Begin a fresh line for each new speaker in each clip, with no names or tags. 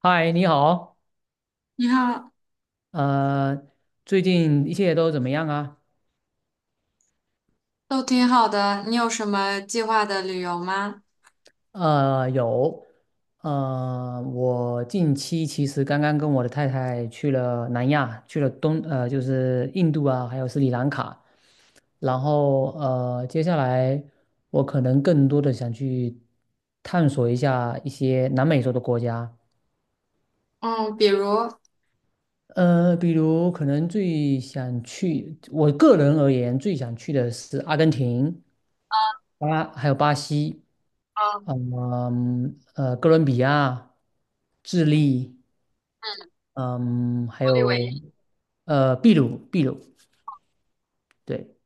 嗨，你好，
你好，
呃，最近一切都怎么样啊？
都挺好的。你有什么计划的旅游吗？
有，我近期其实刚刚跟我的太太去了南亚，去了东，呃，就是印度啊，还有斯里兰卡，然后接下来我可能更多的想去探索一下一些南美洲的国家，
嗯，比如，嗯
比如可能最想去，我个人而言最想去的是阿根廷、还有巴西。
嗯，
哥伦比亚、智利，
嗯，
嗯，还
玻利维亚
有秘鲁，秘鲁，对，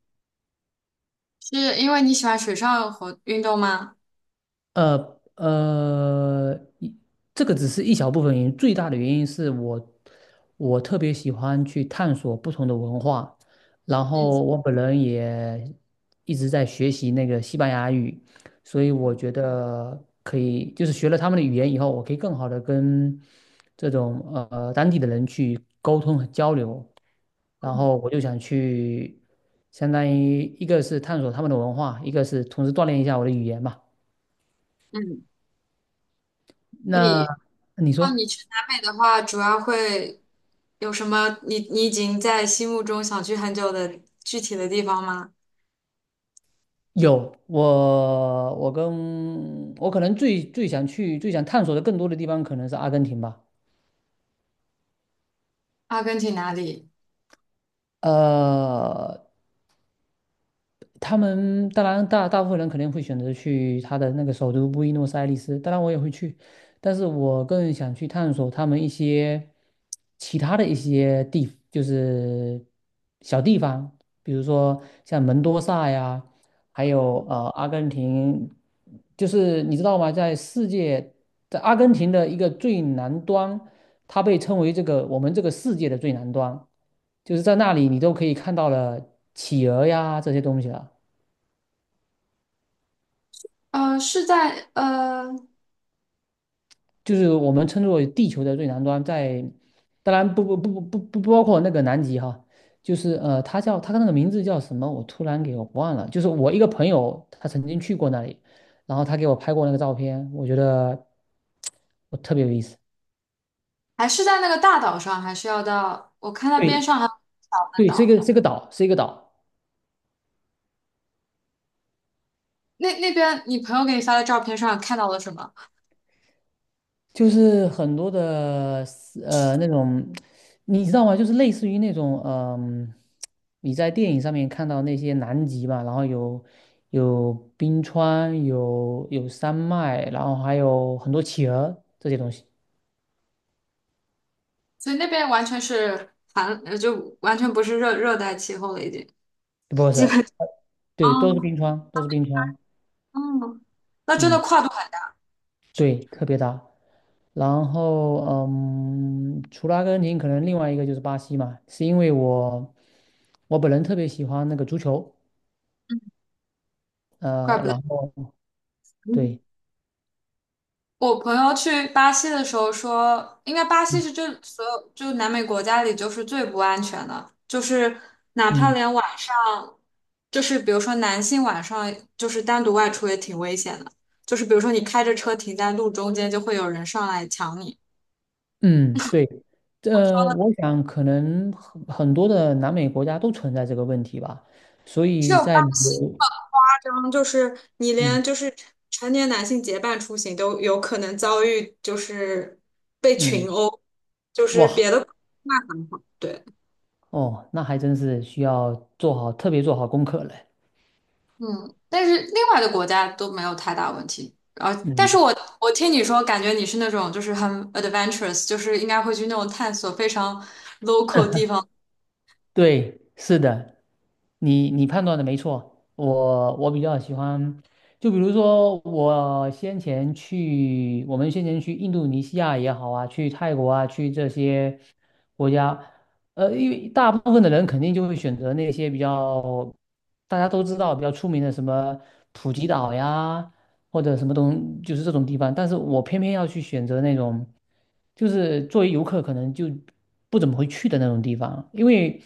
是因为你喜欢水上活运动吗？
呃呃，一这个只是一小部分原因，最大的原因是我特别喜欢去探索不同的文化，然后
嗯
我本人也一直在学习那个西班牙语，所以我
嗯
觉得可以，就是学了他们的语言以后，我可以更好的跟这种当地的人去沟通和交流，然
嗯
后我就想去，相当于一个是探索他们的文化，一个是同时锻炼一下我的语言吧。
嗯，
那
你，
你
那
说
你去南美的话，主要会有什么你？你已经在心目中想去很久的具体的地方吗？
有，我可能最最想去、最想探索的更多的地方，可能是阿根廷吧。
阿根廷哪里？
呃，他们当然大部分人肯定会选择去他的那个首都布宜诺斯艾利斯，当然我也会去，但是我更想去探索他们一些其他的一些就是小地方，比如说像门多萨呀，还有阿根廷，就是你知道吗？在世界，在阿根廷的一个最南端，它被称为这个我们这个世界的最南端，就是在那里你都可以看到了企鹅呀这些东西了。
是在
就是我们称作地球的最南端在，当然不包括那个南极哈，就是它叫那个名字叫什么？我突然给我忘了。就是我一个朋友，他曾经去过那里，然后他给我拍过那个照片，我觉得我特别有意思。
还是在那个大岛上，还是要到？我看到边
对
上还有小的
对，是一
岛。
个是一个岛，是一个岛。
那边你朋友给你发的照片上看到了什么？
就是很多的那种，你知道吗？就是类似于那种你在电影上面看到那些南极嘛，然后有冰川，有山脉，然后还有很多企鹅这些东西，
所以那边完全是寒，就完全不是热带气候了，已经。
不
基本
是，
啊
对，都是冰川，都是冰川，
嗯，那真的
嗯，
跨度很大，
对，特别大。然后除了阿根廷，可能另外一个就是巴西嘛，是因为我本人特别喜欢那个足球，
怪不得。
然后
嗯
对。
我朋友去巴西的时候说，应该巴西是就所有就南美国家里就是最不安全的，就是哪怕
嗯
连晚上，就是比如说男性晚上就是单独外出也挺危险的，就是比如说你开着车停在路中间，就会有人上来抢你。
嗯，对，我想可能很多的南美国家都存在这个问题吧，所
只
以
有巴
在旅
西
游，
夸张，就是你
嗯
连就是成年男性结伴出行都有可能遭遇，就是被
嗯，
群殴，就是
哇，
别的那还好，对。
哦，那还真是需要做好特别做好功课了，
嗯，但是另外的国家都没有太大问题。然后，但是
嗯
我听你说，感觉你是那种就是很 adventurous,就是应该会去那种探索非常 local 地。
对，是的，你判断的没错。我比较喜欢，就比如说我们先前去印度尼西亚也好啊，去泰国啊，去这些国家，因为大部分的人肯定就会选择那些比较大家都知道比较出名的什么普吉岛呀，或者什么就是这种地方，但是我偏偏要去选择那种，就是作为游客可能就不怎么会去的那种地方，因为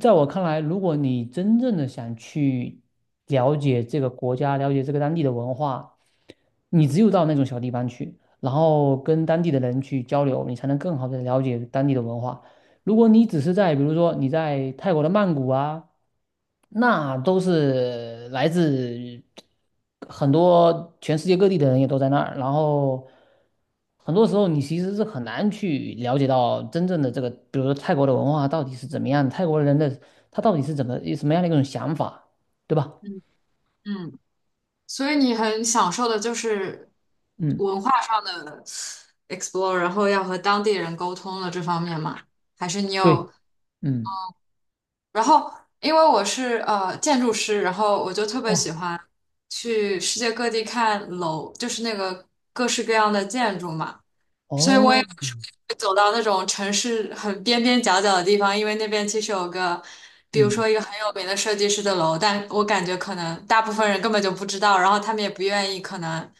在我看来，如果你真正的想去了解这个国家，了解这个当地的文化，你只有到那种小地方去，然后跟当地的人去交流，你才能更好的了解当地的文化。如果你只是在，比如说你在泰国的曼谷啊。那都是来自很多全世界各地的人也都在那儿，然后很多时候你其实是很难去了解到真正的这个，比如说泰国的文化到底是怎么样的，泰国人的他到底是怎么什么样的一种想法，对吧？
嗯嗯。所以你很享受的就是
嗯
文化上的 explore,然后要和当地人沟通的这方面嘛？还是你有？
对，嗯，
然后因为我是建筑师，然后我就特别喜
哇，
欢去世界各地看楼，就是那个各式各样的建筑嘛。所以我也
哦，
不是会走到那种城市很边边角角的地方，因为那边其实有个，比如
嗯
说一个很有名的设计师的楼，但我感觉可能大部分人根本就不知道，然后他们也不愿意可能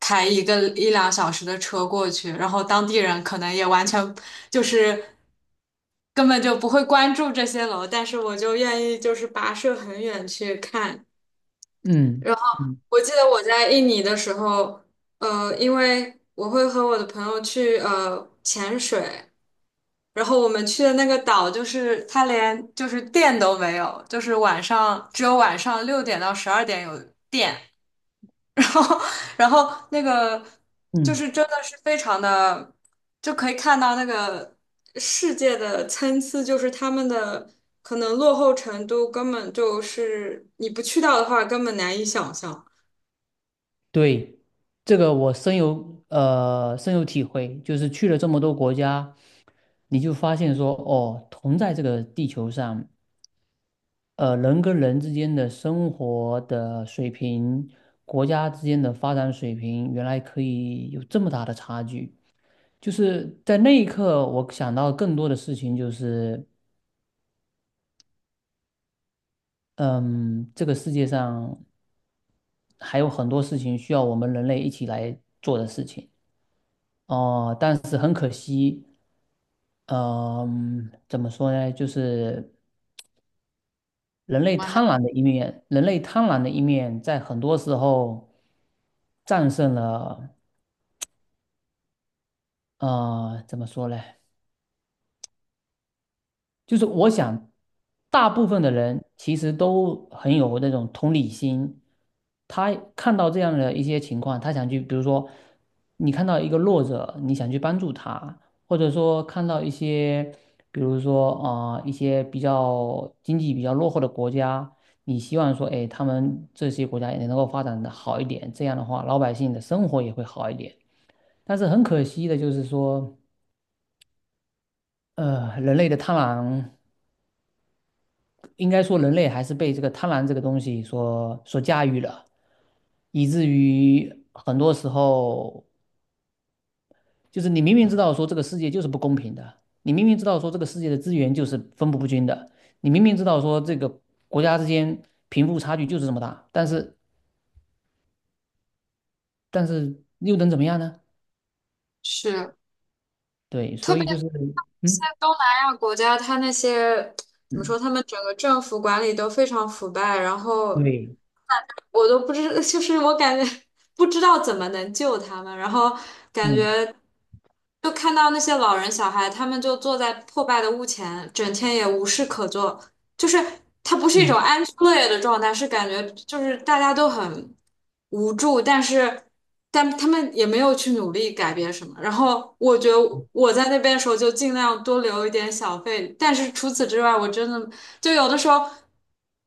开一个一两小时的车过去，然后当地人可能也完全就是根本就不会关注这些楼，但是我就愿意就是跋涉很远去看。
嗯嗯
我记得我在印尼的时候，因为我会和我的朋友去潜水，然后我们去的那个岛就是它连就是电都没有，就是晚上只有晚上6点到12点有电，然后那个就
嗯。
是真的是非常的，就可以看到那个世界的参差，就是他们的可能落后程度根本就是你不去到的话根本难以想象，
对，这个我深有体会，就是去了这么多国家，你就发现说，哦，同在这个地球上，人跟人之间的生活的水平，国家之间的发展水平，原来可以有这么大的差距。就是在那一刻，我想到更多的事情就是，嗯，这个世界上还有很多事情需要我们人类一起来做的事情。哦，但是很可惜。嗯，怎么说呢？就是人类贪婪的一面，人类贪婪的一面在很多时候战胜了，怎么说呢？就是我想，大部分的人其实都很有那种同理心，他看到这样的一些情况，他想去，比如说，你看到一个弱者，你想去帮助他，或者说看到一些，比如说啊、一些比较经济比较落后的国家，你希望说，哎，他们这些国家也能够发展的好一点，这样的话，老百姓的生活也会好一点。但是很可惜的就是说，人类的贪婪。应该说人类还是被这个贪婪这个东西所驾驭了，以至于很多时候就是你明明知道说这个世界就是不公平的，你明明知道说这个世界的资源就是分布不均的，你明明知道说这个国家之间贫富差距就是这么大，但是又能怎么样呢？
是。
对，
特
所
别。
以就是
在
嗯
东南亚国家，他那些怎么
嗯
说，他们整个政府管理都非常腐败，然后
对
我都不知，就是我感觉不知道怎么能救他们，然后感
嗯
觉就看到那些老人小孩，他们就坐在破败的屋前，整天也无事可做，就是它不是一
嗯。
种安 s 的状态，是感觉就是大家都很无助，但是他们也没有去努力改变什么。然后我觉得我在那边的时候就尽量多留一点小费，但是除此之外，我真的就有的时候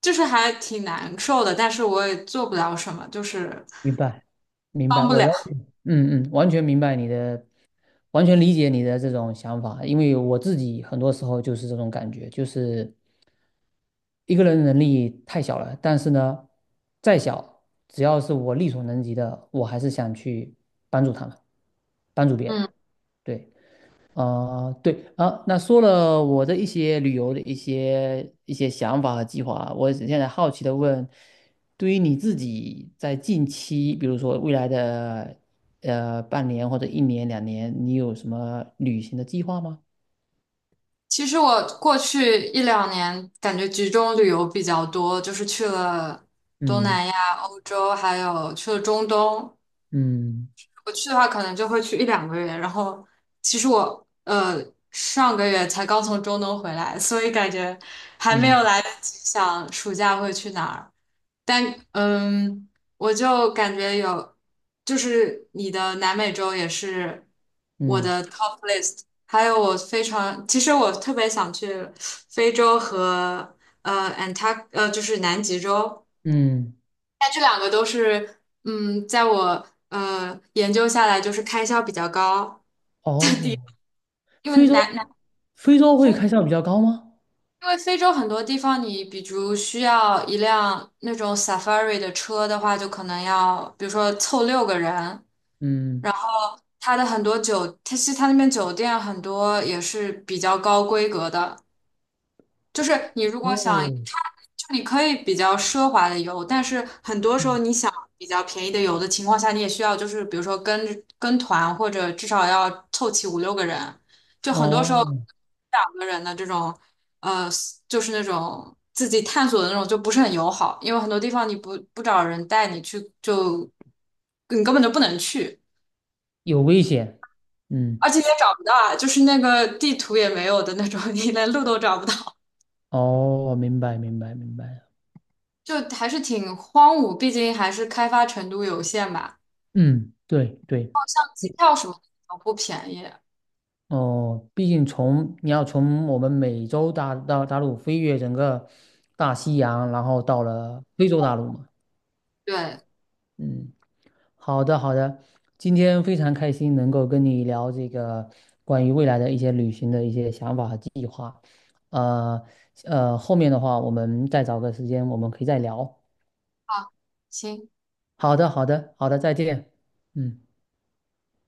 就是还挺难受的，但是我也做不了什么，就是
明白，明白，
帮不
我完
了。
全，嗯嗯，完全明白你的，完全理解你的这种想法，因为我自己很多时候就是这种感觉，就是一个人能力太小了，但是呢，再小，只要是我力所能及的，我还是想去帮助他们，帮助别人，
嗯，
对。啊，对啊，那说了我的一些旅游的一些想法和计划，我现在好奇的问，对于你自己在近期，比如说未来的半年或者一年两年，你有什么旅行的计划吗？
其实我过去一两年感觉集中旅游比较多，就是去了东
嗯
南亚、欧洲，还有去了中东。
嗯
我去的话，可能就会去一两个月。然后，其实我上个月才刚从中东回来，所以感觉还没
嗯
有来得及想暑假会去哪儿。但嗯，我就感觉有，就是你的南美洲也是我
嗯
的 top list,还有我非常，其实我特别想去非洲和a n t a r 就是南极洲。
嗯
但这两个都是，嗯，在我研究下来，就是开销比较高的地方，
哦，
因为
非洲，
南南
非洲会
非，
开销比较高吗？
因为非洲很多地方，你比如需要一辆那种 safari 的车的话，就可能要，比如说凑六个人，然
嗯
后它的很多酒，它其实它那边酒店很多也是比较高规格的，就是你如果想
哦，
你可以比较奢华的游，但是很多时候
嗯
你想比较便宜的游的情况下，你也需要就是比如说跟团或者至少要凑齐五六个人，就很多时候
哦，
2个人的这种呃就是那种自己探索的那种就不是很友好，因为很多地方你不找人带你去，就你根本就不能去，
有危险。嗯
而且也找不到啊，就是那个地图也没有的那种，你连路都找不到，
哦，明白，明白，明白
就还是挺荒芜，毕竟还是开发程度有限吧。
嗯，对对，
机票什么的都不便宜。
哦，毕竟从你要从我们美洲大陆飞越整个大西洋，然后到了非洲大陆嘛。
对，
嗯，好的，好的。今天非常开心能够跟你聊这个关于未来的一些旅行的一些想法和计划呃后面的话我们再找个时间我们可以再聊。
啊，行，
好的，好的，好的，再见。嗯。